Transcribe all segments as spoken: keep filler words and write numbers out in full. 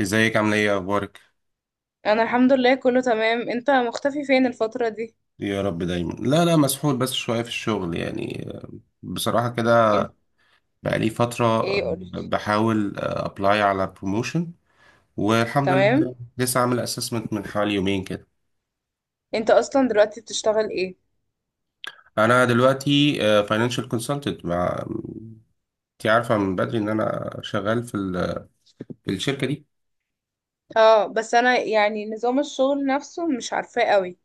ازيك، عامل ايه، اخبارك؟ انا الحمد لله، كله تمام. انت مختفي فين الفترة دي؟ يا رب دايما. لا لا، مسحول بس شويه في الشغل يعني. آه، بصراحه كده. انت؟ بقالي فتره. آه، ايه قولي. بحاول ابلاي على بروموشن، والحمد تمام. لله لسه عامل اسسمنت من حوالي يومين كده. انت اصلا دلوقتي بتشتغل ايه؟ انا دلوقتي فاينانشال كونسلتنت مع... انت عارفه من بدري ان انا شغال في ال- في الشركه دي. اه، بس انا يعني نظام الشغل نفسه مش عارفاه قوي.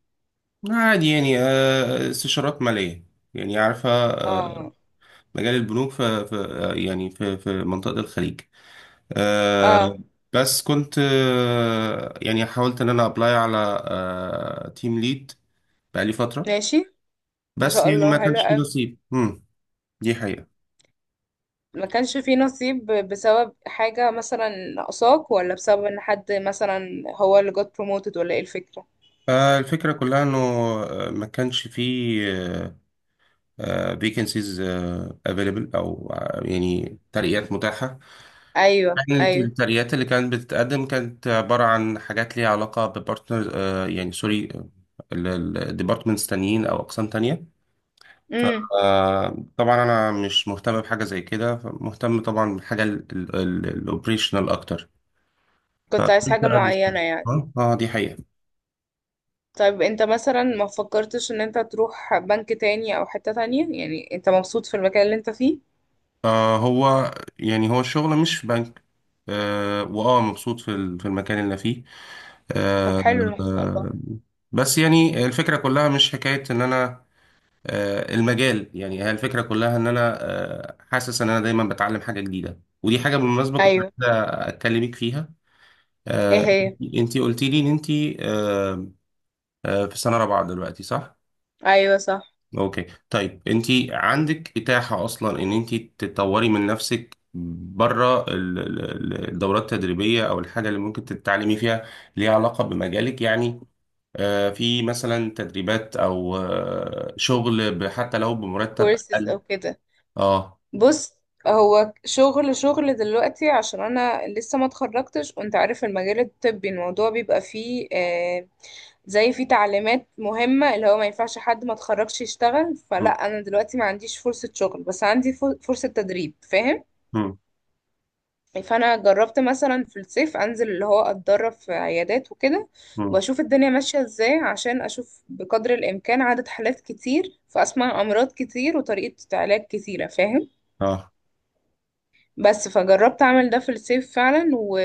عادي يعني. آه، استشارات ماليه، يعني عارفه. آه، اه، مجال البنوك في في- آه، يعني في في منطقه الخليج. اه، آه بس كنت آه يعني حاولت ان انا ابلاي على آه تيم ليد بقالي فترة، ماشي. ما بس شاء يعني ما الله، حلو كانش فيه قوي. نصيب. امم دي حقيقة. ما كانش فيه نصيب بسبب حاجة، مثلا ناقصاك، ولا بسبب ان حد مثلا هو اللي got promoted، ولا ايه الفكرة؟ آه الفكرة كلها انه آه، ما كانش فيه آه فيكنسيز افيلبل او، آه، يعني ترقيات متاحة. ايوه، يعني الت- ايوه. الترقيات اللي كانت بتتقدم كانت عبارة عن حاجات ليها علاقة ببارتنر. آه يعني سوري، الديبارتمنتس تانيين او اقسام تانية. امم. فطبعا انا مش مهتم بحاجه زي كده، مهتم طبعا بالحاجه الاوبريشنال اكتر، كنت عايز فكنت حاجة قاعد معينة مستني. يعني؟ اه، آه، دي حقيقه. طيب انت مثلا ما فكرتش ان انت تروح بنك تاني او حتة تانية؟ يعني انت مبسوط في المكان اللي انت فيه؟ آه هو يعني هو الشغل مش في بنك. آه واه مبسوط في ال- في المكان اللي أنا فيه. طب آه حلو، ما شاء الله. آه، بس يعني الفكره كلها مش حكايه ان انا آه المجال. يعني هي الفكره كلها ان انا آه حاسس ان انا دايما بتعلم حاجه جديده، ودي حاجه بالمناسبه كنت ايوه. عايز اكلمك فيها. ايه آه، هي؟ انتي قلت لي ان انتي آه، آه، في سنة رابعة دلوقتي، صح؟ ايوه، صح. اوكي، طيب انتي عندك اتاحة اصلا ان انتي تطوري من نفسك بره ال- ال- الدورات التدريبية او الحاجة اللي ممكن تتعلمي فيها، ليها علاقة بمجالك يعني. آه، في مثلا تدريبات او، آه، شغل ب- حتى لو بمرتب كورسز او اقل. كده؟ اه. بص. هو شغل شغل دلوقتي عشان انا لسه ما اتخرجتش، وانت عارف المجال الطبي الموضوع بيبقى فيه آه زي فيه تعليمات مهمة، اللي هو ما ينفعش حد ما اتخرجش يشتغل. فلا مم، انا دلوقتي ما عنديش فرصة شغل، بس عندي فر- فرصة تدريب، فاهم؟ مم، فانا جربت مثلا في الصيف انزل، اللي هو اتدرب في عيادات وكده، مم. واشوف الدنيا ماشيه ازاي، عشان اشوف بقدر الامكان عدد حالات كتير، فاسمع امراض كتير وطريقه علاج كتيره، فاهم؟ اه، بس فجربت اعمل ده في الصيف فعلا و...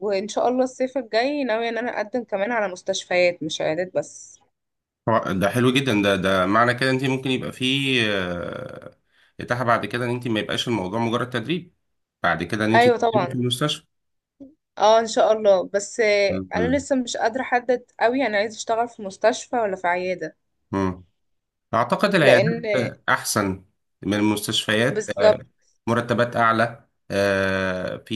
وان شاء الله الصيف الجاي ناويه ان انا اقدم كمان على مستشفيات، مش عيادات بس. هو ده حلو جدا. ده ده معنى كده انت ممكن يبقى فيه آه، اتاحة بعد كده، ان انت ما يبقاش الموضوع مجرد تدريب، بعد كده ان انت ايوه تقدمي طبعا. في المستشفى. اه ان شاء الله، بس آه، انا مم. لسه مش قادره احدد قوي انا عايزه اشتغل في مستشفى ولا في عياده. مم. اعتقد لان. العيادات احسن من المستشفيات. آه، بالظبط. مرتبات اعلى، آه، في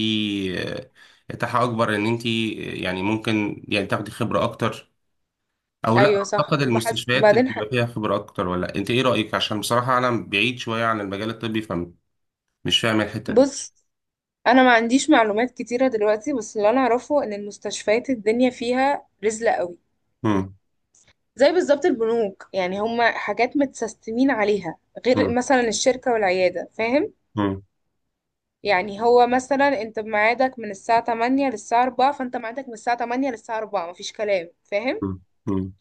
آه، اتاحة اكبر ان انت، آه، يعني ممكن يعني تاخدي خبرة اكتر. او لا، ايوه صح اعتقد وبحس المستشفيات اللي بعدين ح... بيبقى فيها خبرة اكتر؟ ولا انت ايه رأيك؟ عشان بصراحة انا بعيد شوية عن المجال الطبي، فمش فاهم الحتة دي. بص. انا ما عنديش معلومات كتيره دلوقتي، بس اللي انا اعرفه ان المستشفيات الدنيا فيها رزله قوي. مم. زي بالظبط البنوك، يعني هما حاجات متسستمين عليها، غير مم. مثلا الشركه والعياده، فاهم؟ مم. يعني هو مثلا انت بميعادك من الساعه تمانية للساعه الرابعة، فانت ميعادك من الساعه تمانية للساعه اربعة، مفيش كلام، فاهم؟ مم. مم.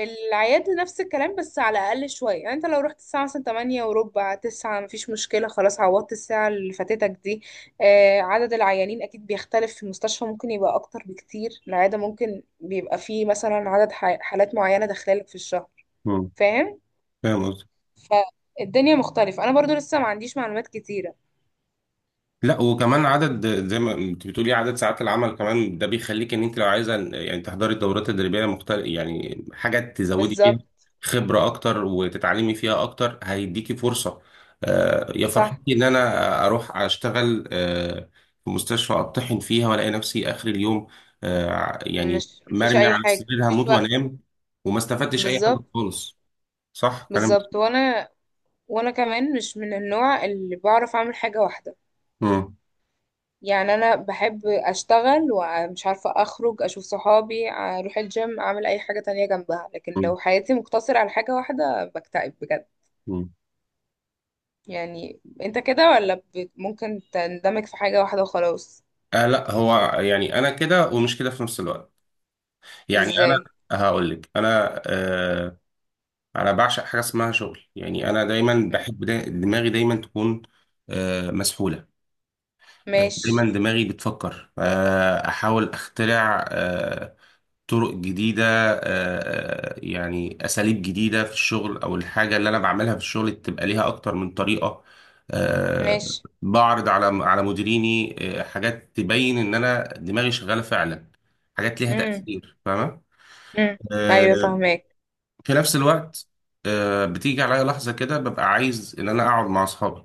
العيادة نفس الكلام، بس على أقل شوية. يعني انت لو رحت الساعة مثلا تمانية وربع، تسعة، مفيش مشكلة، خلاص عوضت الساعة اللي فاتتك دي. آه عدد العيانين أكيد بيختلف، في المستشفى ممكن يبقى أكتر بكتير. العيادة ممكن بيبقى فيه مثلا عدد ح- حالات معينة داخلالك في الشهر، مم. فاهم؟ فاهم قصدي. فالدنيا مختلفة، أنا برضو لسه ما عنديش معلومات كتيرة. لا، وكمان عدد، زي ما انت بتقولي عدد ساعات العمل كمان، ده بيخليك ان انت لو عايزه يعني تحضري الدورات التدريبيه مختلف، يعني حاجه تزودي فيها بالظبط، خبره اكتر وتتعلمي فيها اكتر. هيديكي فرصه. آه، يا فرحتي صح. ان انا اروح اشتغل آه، في مستشفى اطحن فيها والاقي نفسي اخر اليوم، آه، يعني مش مفيش مرمي أي على حاجة، السرير مفيش هموت وقت. وانام، وما استفدتش اي حاجه بالظبط، خالص. صح كلام. بالظبط. وأنا وأنا كمان مش من النوع اللي بعرف أعمل حاجة واحدة. مم. يعني انا بحب اشتغل، ومش عارفة اخرج اشوف صحابي، اروح الجيم، اعمل اي حاجة تانية جنبها. لكن لو حياتي مقتصرة على حاجة واحدة بكتئب بجد. مم. يعني انت كده، ولا بت- ممكن تندمج في حاجة واحدة وخلاص؟ آه لا، هو يعني انا كده ومش كده في نفس الوقت. يعني انا ازاي؟ هقول لك. انا آه انا بعشق حاجه اسمها شغل. يعني انا دايما م- بحب دا دماغي دايما تكون آه مسحوله. آه ماشي. دايما دماغي بتفكر. آه احاول اخترع آه، طرق جديدة. آه، آه، يعني أساليب جديدة في الشغل، أو الحاجة اللي أنا بعملها في الشغل تبقى ليها أكتر من طريقة. آه، ماشي. بعرض على على مديريني آه، حاجات تبين إن أنا دماغي شغالة فعلا، حاجات ليها امم. تأثير، فاهمة. امم. ايوه، آه، فاهماك. في نفس الوقت آه، بتيجي عليا لحظة كده ببقى عايز إن أنا أقعد مع أصحابي.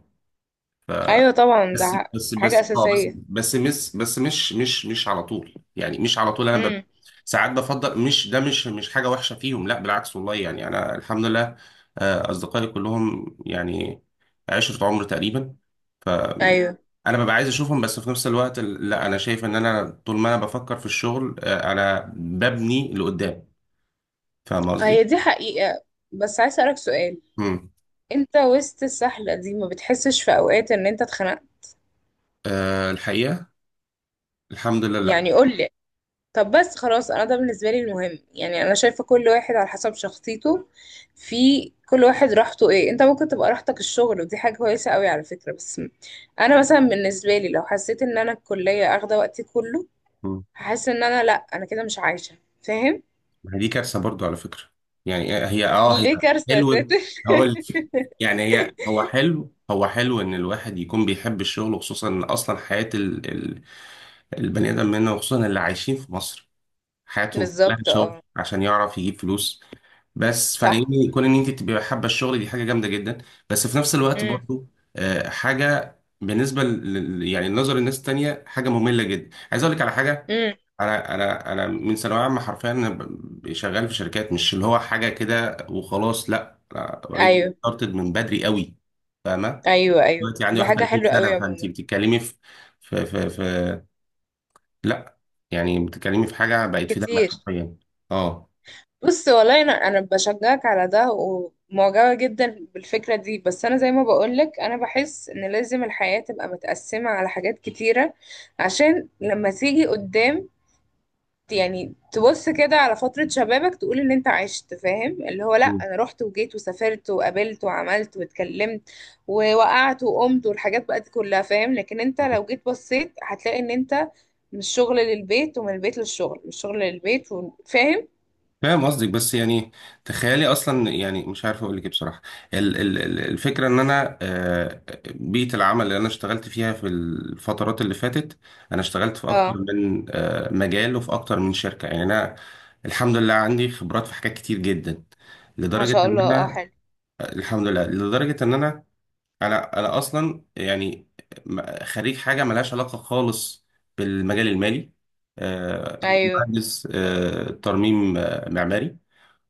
ايوه طبعا، ده بس ح- بس حاجة بس اه بس اساسية. بس مش بس مش مش مش على طول. يعني مش على طول انا بب... امم. ساعات بفضل. مش ده، مش مش حاجه وحشه فيهم، لا بالعكس، والله يعني انا الحمد لله. آه، اصدقائي كلهم يعني عشره عمر تقريبا. آم، ايوه. انا ببقى عايز اشوفهم. بس في نفس الوقت ال- لا، انا شايف ان انا طول ما انا بفكر في الشغل، آه، انا ببني لقدام. فاهم آه، قصدي؟ هي دي حقيقة. بس عايز اسألك سؤال. امم. انت وسط السحلة دي ما بتحسش في اوقات ان انت اتخنقت؟ أه، الحقيقه الحمد لله لا. يعني قول لي. طب بس خلاص. انا ده بالنسبه لي المهم، يعني انا شايفه كل واحد على حسب شخصيته. في كل واحد راحته ايه. انت ممكن تبقى راحتك الشغل، ودي حاجه كويسه قوي على فكره، بس انا مثلا بالنسبه لي لو حسيت ان انا الكليه اخده وقتي كله، هحس ان انا، لا، انا كده مش عايشه، فاهم؟ ما هي دي كارثه برضو على فكره. يعني هي اه هي ليه كارثه يا حلو. ساتر؟ هقول لك. يعني هي هو حلو هو حلو ان الواحد يكون بيحب الشغل، وخصوصا ان اصلا حياه ال... ال... البني ادم منا، وخصوصا اللي عايشين في مصر حياتهم كلها بالظبط، شغل اه. عشان يعرف يجيب فلوس. بس صح. فإن كون ان انت تبقي حابه الشغل دي حاجه جامده جدا. بس في نفس الوقت امم، برضو آه، حاجه بالنسبه ل... ل- يعني لنظر الناس التانية حاجه ممله جدا. عايز اقول لك على حاجه. امم. انا انا انا من ثانويه عامه حرفيا أنا ب- شغال في شركات، مش اللي هو حاجه كده وخلاص. لا، انا اوريدي ايوه، ستارتد من بدري قوي، فاهمه. ايوه، ايوه، دلوقتي عندي دي حاجه واحد وتلاتين حلوه سنه، قوي فانت عموما. بتتكلمي في في في, في لا، يعني بتتكلمي في حاجه بقت في دمك كتير. حرفيا. اه. بص، والله انا انا بشجعك على ده، ومعجبه جدا بالفكره دي، بس انا زي ما بقولك انا بحس ان لازم الحياه تبقى متقسمه على حاجات كتيره، عشان لما تيجي قدام، يعني تبص كده على فتره شبابك تقول ان انت عشت، فاهم؟ اللي هو لا، انا رحت وجيت وسافرت وقابلت وعملت واتكلمت ووقعت وقمت، والحاجات بقى دي كلها، فاهم؟ لكن انت لو جيت بصيت هتلاقي ان انت من الشغل للبيت، ومن البيت للشغل، من الشغل للبيت، وفاهم. فاهم قصدك. بس يعني تخيلي اصلا، يعني مش عارف اقول لك ايه بصراحه. ال- ال- ال- الفكره ان انا آه، بيئه العمل اللي انا اشتغلت فيها في الفترات اللي فاتت، انا اشتغلت في اكتر من آه، مجال، وفي اكتر من شركه. يعني انا الحمد لله عندي خبرات في حاجات كتير جدا، ما لدرجه شاء ان الله، اه، انا، حلو. الحمد لله، لدرجه ان انا انا انا اصلا يعني م- خريج حاجه ملهاش علاقه خالص بالمجال المالي. آه، ايوه. مهندس آه، ترميم آه، معماري.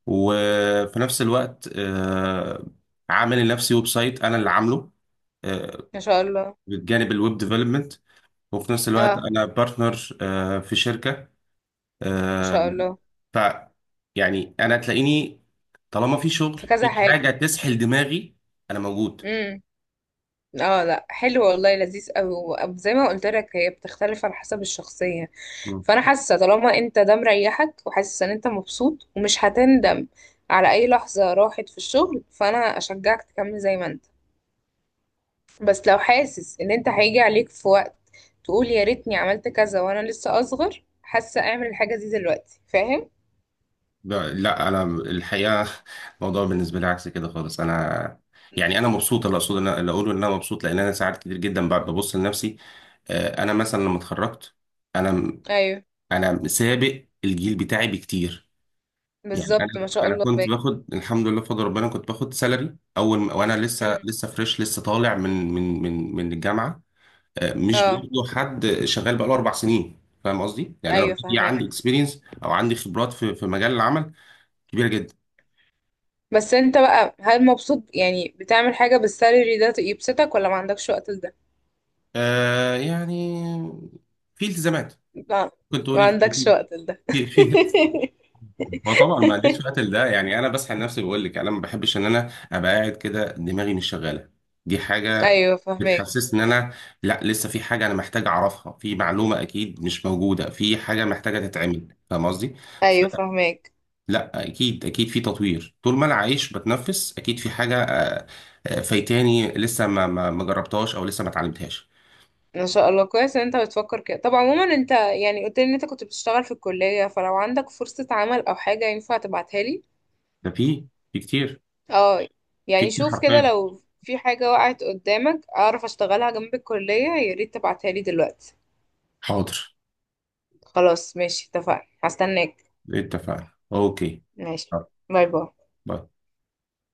وفي نفس الوقت آه، عامل لنفسي ويب سايت انا اللي عامله آه، ما شاء الله. بالجانب الويب ديفلوبمنت. وفي نفس الوقت اه. انا بارتنر آه، في شركة. ما شاء آه، الله. ف، يعني انا تلاقيني طالما في شغل، في كذا في حاجة حاجة. تسحل دماغي انا موجود. امم. اه لا، حلو والله، لذيذ قوي. زي ما قلت لك هي بتختلف على حسب الشخصية. مم. فانا حاسة طالما انت ده مريحك، وحاسس ان انت مبسوط، ومش هتندم على اي لحظة راحت في الشغل، فانا اشجعك تكمل زي ما انت. بس لو حاسس ان انت هيجي عليك في وقت تقول يا ريتني عملت كذا، وانا لسه اصغر حاسة اعمل الحاجة دي دلوقتي، فاهم؟ لا لا، انا الحقيقة الموضوع بالنسبة لي عكس كده خالص. انا يعني انا مبسوط. اللي اقصد انا اللي اقوله ان انا مبسوط لان انا ساعات كتير جدا ب- ببص لنفسي. آه، انا مثلا لما اتخرجت، انا ايوه. انا سابق الجيل بتاعي بكتير. يعني بالظبط، ما انا شاء انا الله. كنت باخد، الحمد لله بفضل ربنا، كنت باخد سالري اول ما- وانا لسه باين. لسه فريش، لسه طالع من من من من الجامعه. آه، مش اه، بياخدوا حد شغال بقاله اربع سنين. فاهم قصدي؟ يعني انا ايوه، اوريدي فاهمك. عندي اكسبيرينس او عندي خبرات في في مجال العمل كبيره جدا. بس انت بقى هل مبسوط يعني بتعمل حاجة بالسالري ده يبسطك، ولا ما عندكش وقت لده؟ آه يعني في التزامات. لا. كنت ما تقولي في عندكش وقت لده. في في في- هو طبعا ما عنديش وقت لده. يعني انا بسحل نفسي. بقول لك انا ما بحبش ان انا ابقى قاعد كده دماغي مش شغاله. دي حاجه ايوه، فاهمك. بتحسسني ان انا، لا، لسه في حاجه انا محتاج اعرفها، في معلومه اكيد مش موجوده، في حاجه محتاجه تتعمل، فاهم قصدي. ايوه، فاهمك. فلا، اكيد اكيد في تطوير طول ما انا عايش بتنفس، اكيد في حاجه آه، آه، فايتاني لسه ما ما ما جربتهاش او لسه ما اتعلمتهاش. ان شاء الله، كويس ان انت بتفكر كده. طب عموما انت يعني قلت لي ان انت كنت بتشتغل في الكلية، فلو عندك فرصة عمل او حاجة ينفع تبعتها لي. ده في في كتير. اه. في يعني كتير شوف كده حرفيا. لو في حاجة وقعت قدامك اعرف اشتغلها جنب الكلية، يا ريت تبعتها لي دلوقتي. حاضر. خلاص، ماشي، اتفقنا، هستناك. اتفقنا. اوكي. ماشي. طب. باي باي. باي.